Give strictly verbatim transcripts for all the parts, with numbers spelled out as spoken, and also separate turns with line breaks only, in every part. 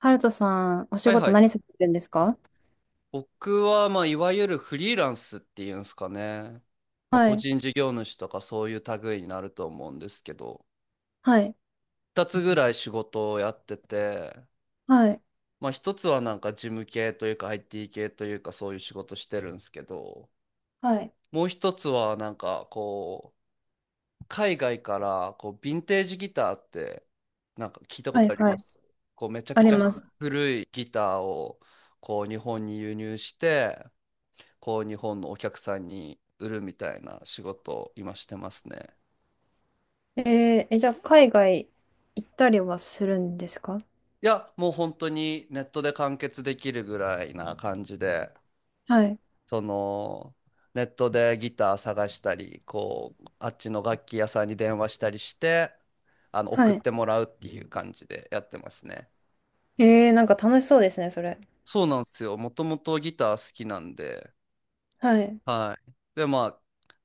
ハルトさん、お仕
はいは
事
い。
何されてるんですか？
僕は、まあ、いわゆるフリーランスっていうんですかね。まあ、
は
個
い、
人事業主とかそういう類になると思うんですけど、
はい、
二つぐらい仕事をやってて、
はい、
まあ、一つはなんか事務系というか アイティー 系というかそういう仕事してるんですけど、
はい、
もう一つはなんかこう、海外からこう、ヴィンテージギターってなんか聞いたこ
は
と
い、
あり
は
ま
い、
すこう、めちゃ
あ
く
り
ちゃ
ます。
古いギターをこう、日本に輸入して、こう日本のお客さんに売るみたいな仕事を今してますね。
えー、え、じゃあ、海外行ったりはするんですか？
いや、もう本当にネットで完結できるぐらいな感じで、
はい、
そのネットでギター探したり、こう、あっちの楽器屋さんに電話したりして、あの
は
送っ
い。
てもらうっていう感じでやってますね。
えー、なんか楽しそうですね、それ。
そうなんですよ。もともとギター好きなんで、
はい。
はい。で、まあ、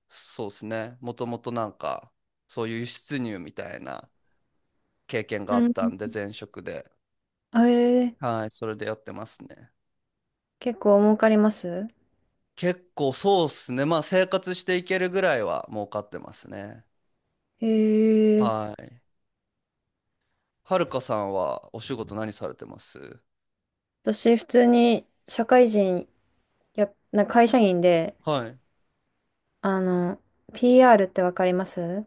そうですね。もともとなんか、そういう輸出入みたいな経験があ
う
っ
ん。
たんで、前職で。
あえー、
はい、それでやってますね。
結構儲かります
結構そうっすね。まあ生活していけるぐらいは儲かってますね。
えー、
はい。はるかさんはお仕事何されてます？
私、普通に社会人や、な会社員で、
はい。
あの、ピーアール ってわかります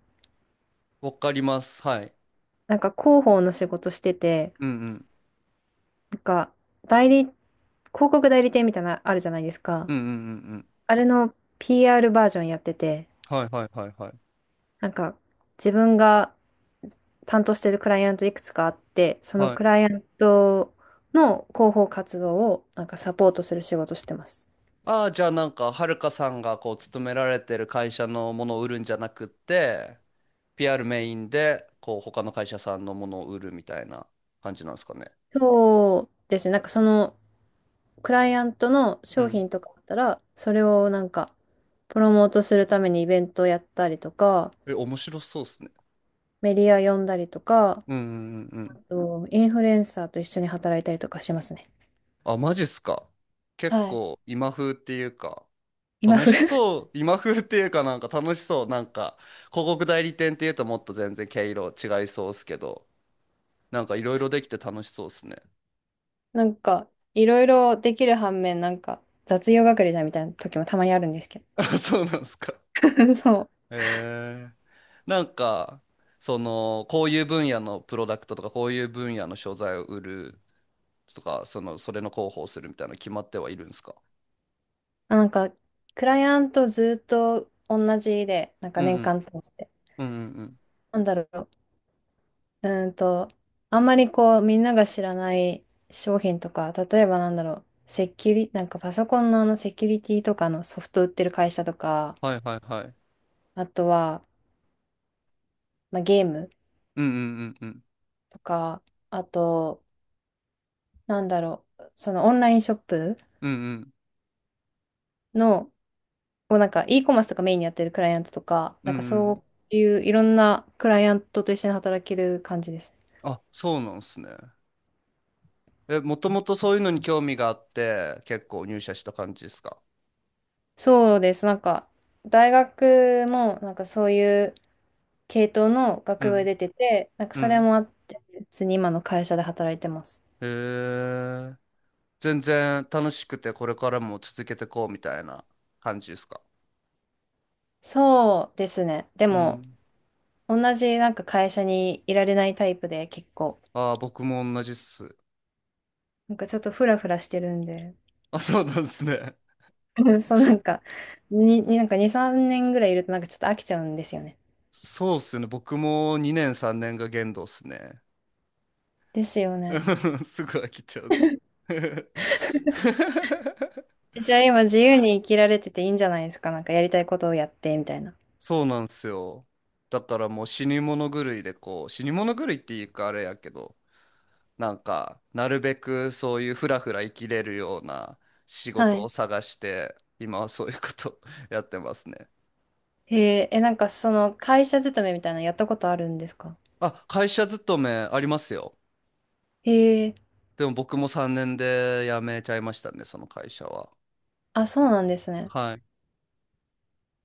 わかります。はい。
なんか広報の仕事してて、
うんうん。
なんか、代理広告代理店みたいな、あるじゃないですか。
うんうんうんうん。
あれの ピーアール バージョンやってて、
はいはいはいはい。
なんか、自分が担当してるクライアントいくつかあって、その
は
ク
い。
ライアントの広報活動を、なんかサポートする仕事してます。
ああ、じゃあなんか、はるかさんがこう、勤められてる会社のものを売るんじゃなくって、ピーアール メインで、こう、他の会社さんのものを売るみたいな感じなんですかね。
そうですね。なんかそのクライアントの
う
商
ん。
品とかあったら、それをなんかプロモートするためにイベントやったりとか、
え、面白そうっすね。
メディア呼んだりとか、
うんうんうんうん。
あとインフルエンサーと一緒に働いたりとかしますね。
あ、マジっすか。結
はい。
構今風っていうか、
今
楽し
風。
そう、今風っていうかなんか楽しそう、なんか広告代理店っていうともっと全然毛色違いそうっすけど、なんかいろいろ できて楽しそうっすね。
なんか、いろいろできる反面、なんか、雑用係じゃんみたいな時もたまにあるんですけど。
あ、そうなんですか。
そう。
えー、なんか、その、こういう分野のプロダクトとか、こういう分野の商材を売るとか、その、それの広報するみたいなの決まってはいるんですか？
あ、なんか、クライアントずっと同じで、なんか
うん
年
うん。
間通して。
うんうんうん。
なんだろう。うーんと、あんまりこう、みんなが知らない商品とか、例えばなんだろう、セキュリ、なんかパソコンのあのセキュリティとかのソフト売ってる会社とか、
はいはいはい。
あとは、まあ、ゲーム
うんうんうんうん。
とか、あと、なんだろう、そのオンラインショップ
うんうん。
の、をなんか e コマースとかメインにやってるクライアントとか、
う
な
ん
んか
うん。
そういういろんなクライアントと一緒に働ける感じですね。
あ、そうなんですね。え、もともとそういうのに興味があって、結構入社した感じですか？
そうです。なんか大学もなんかそういう系統の
う
学部
ん、
出てて、なんか
う
それ
ん。
もあって、普通に今の会社で働いてます。
へえ。全然楽しくて、これからも続けてこうみたいな感じですか？
そうですね。で
う
も
ん。
同じなんか会社にいられないタイプで結構、
ああ、僕も同じっす。
なんかちょっとフラフラしてるんで、
あ、そうなんですね。
そうなんか、に、になんかに、さんねんぐらいいるとなんかちょっと飽きちゃうんですよね。
そうっすよね。僕もにねんさんねんが限度っすね。
ですよ
う
ね。
んすぐ飽きちゃうっす。
じゃあ今自由に生きられてていいんじゃないですか。なんかやりたいことをやって、みたいな。
そうなんすよ。だからもう死に物狂いでこう、死に物狂いっていうかあれやけど、なんか、なるべくそういうふらふら生きれるような仕
は
事
い。
を探して、今はそういうこと やってますね。
へえ、え、なんかその会社勤めみたいなのやったことあるんですか？
あ、会社勤めありますよ。
へえ、
でも僕もさんねんで辞めちゃいましたね、その会社は。
あ、そうなんですね。
はい。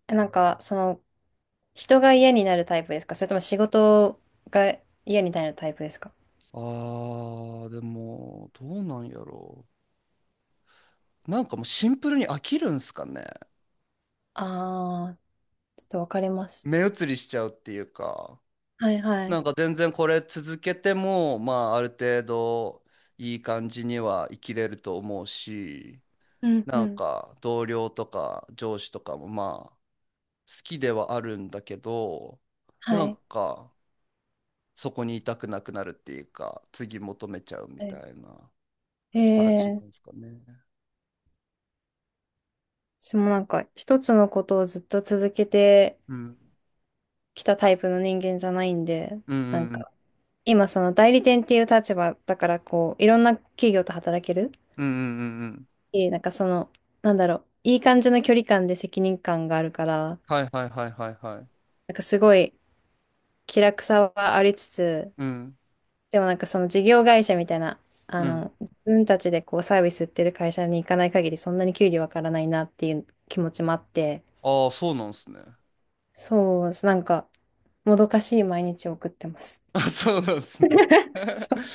え、なんかその人が嫌になるタイプですか、それとも仕事が嫌になるタイプですか？
あー、でも、どうなんやろう。なんかもうシンプルに飽きるんすかね。
ああー、ちょっとわかります。
目移りしちゃうっていうか、
はいは
な
い。
んか全然これ続けても、まあある程度いい感じには生きれると思うし、
うんう
なん
ん。
か同僚とか上司とかもまあ好きではあるんだけど
は
なん
い。
かそこにいたくなくなるっていうか次求めちゃうみ
は
た
い。
いな
へ
感じ
え、
なんですかね。
私もなんか一つのことをずっと続けて
うん。
きたタイプの人間じゃないんで、
うん
なん
うん
か今その代理店っていう立場だからこういろんな企業と働ける
うんうんうんうんうん、
し、なんかその、なんだろう、いい感じの距離感で責任感があるから、
はいはいはいはいはい。
なんかすごい気楽さはありつつ、
うん
でもなんかその事業会社みたいな、あ
うん、
の自分たちでこうサービス売ってる会社に行かない限りそんなに給料わからないなっていう気持ちもあって、
ああーそうなんですね。
そうなんか、もどかしい毎日を送ってます。
あ、そうなんですね。
そう、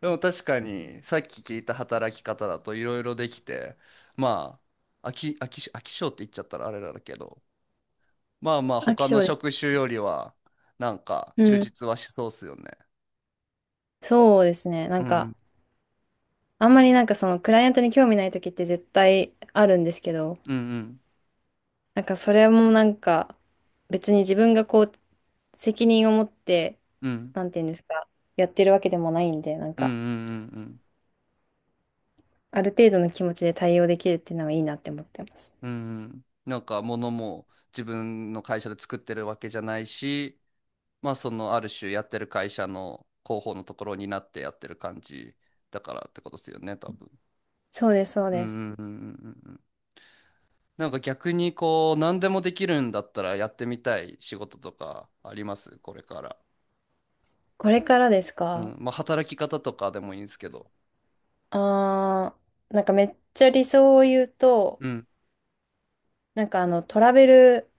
でも確かにさっき聞いた働き方だといろいろできてまあ飽き、飽きし、飽き性って言っちゃったらあれだけど、まあまあ、
飽き
他
性
の
で
職
す。
種よりは、なんか、
う
充
ん。
実はしそうっすよね。
そうですね。な
う
ん
ん、う
か
ん、
あんまりなんかそのクライアントに興味ない時って絶対あるんですけど、
うん、
なんかそれもなんか別に自分がこう責任を持って、
うん、
なんていうんですか、やってるわけでもないんで、なん
うん、う
か
ん、うん、うん。
ある程度の気持ちで対応できるっていうのはいいなって思ってます。
うんうん、なんか、物も自分の会社で作ってるわけじゃないし、まあ、その、ある種やってる会社の広報のところになってやってる感じだからってことですよね、多分。
そうです、そう
うん、う
です。
ん、うん、うんうん。なんか逆にこう、何でもできるんだったらやってみたい仕事とかありますこれから。
これからです
う
か？
ん。まあ、働き方とかでもいいんですけど。
あー、なんかめっちゃ理想を言うと、なんかあのトラベル、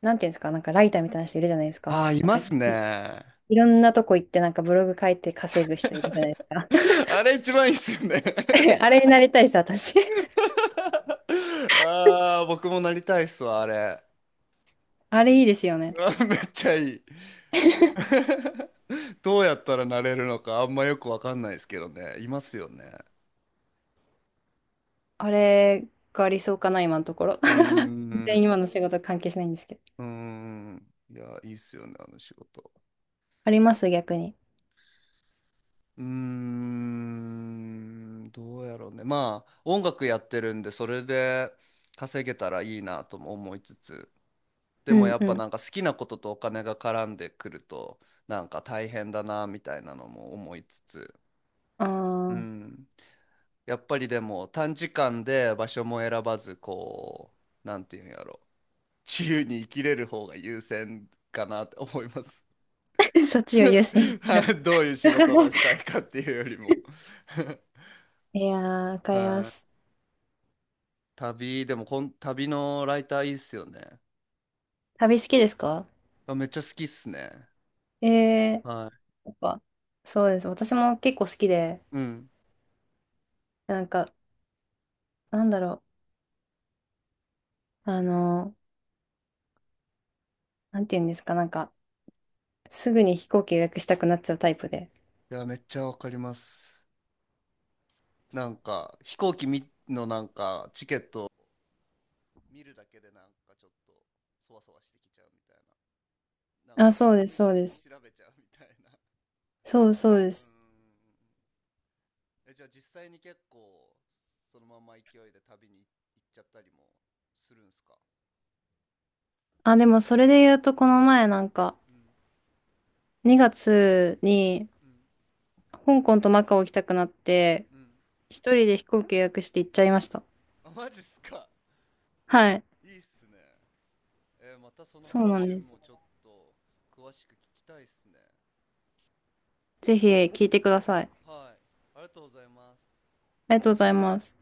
なんていうんですか、なんかライターみたいな人いるじゃないですか。
ああ、い
なん
ま
か
すね。
いろんなとこ行ってなんかブログ書いて稼ぐ人いるじゃないですか。
あれ一番いいっすよね。
え、あれになりたいです私。
ああ、僕もなりたいっすわ、あれ。
あれいいですよ
う
ね。
わめっちゃいい。どうやったらなれるのかあんまよくわかんないですけどね。いますよね。
あれが理想かな、今のところ。
うー
全
ん。
然
う
今の仕事関係しないんですけど、
ーん。いや、いいっすよね、あの仕事。
あります逆に。
うーん。どうやろうね。まあ、音楽やってるんで、それで稼げたらいいなとも思いつつ。で
う
も
ん
やっ
う
ぱ
ん。
なんか好きなこととお金が絡んでくるとなんか大変だなみたいなのも思いつつ、
あ
う
あ、
ん、やっぱりでも短時間で場所も選ばずこうなんていうんやろ自由に生きれる方が優先かなって思います。
そっちを優先。
は
ど。
い、どういう仕事がしたいかっていうよりも。
いやー、わ かりま
はい、
す。
旅でもこん旅のライターいいっすよね。
旅好きですか？
あ、めっちゃ好きっすね。
えー、
は
やっぱ、そうです。私も結構好きで、
い。うん。
なんか、なんだろう。あのー、なんて言うんですか、なんか、すぐに飛行機予約したくなっちゃうタイプで。
いやめっちゃわかります。なんか飛行機みのなんかチケット見るだけでなんかちょっとそわそわしてきちゃうみたいな、なんか
あ、そうで
無
す、
意
そう
識
で
に
す。
調べちゃうみたいな。
そうそうで
う
す。
ーん、え、じゃあ実際に結構そのまま勢いで旅に行っちゃったりもするんすか？
あ、でもそれで言うと、この前なんか、
うん
にがつに
うん
香港とマカオ行きたくなって、
うん、
一人で飛行機予約して行っちゃいました。
あマジっすか？
はい。
いいっすね、えーまたその
そうなん
話
で
も
す。
ちょっと詳しく聞きたいっすね。
ぜひ聞いてください。あ
はい、ありがとうございます。
りがとうございます。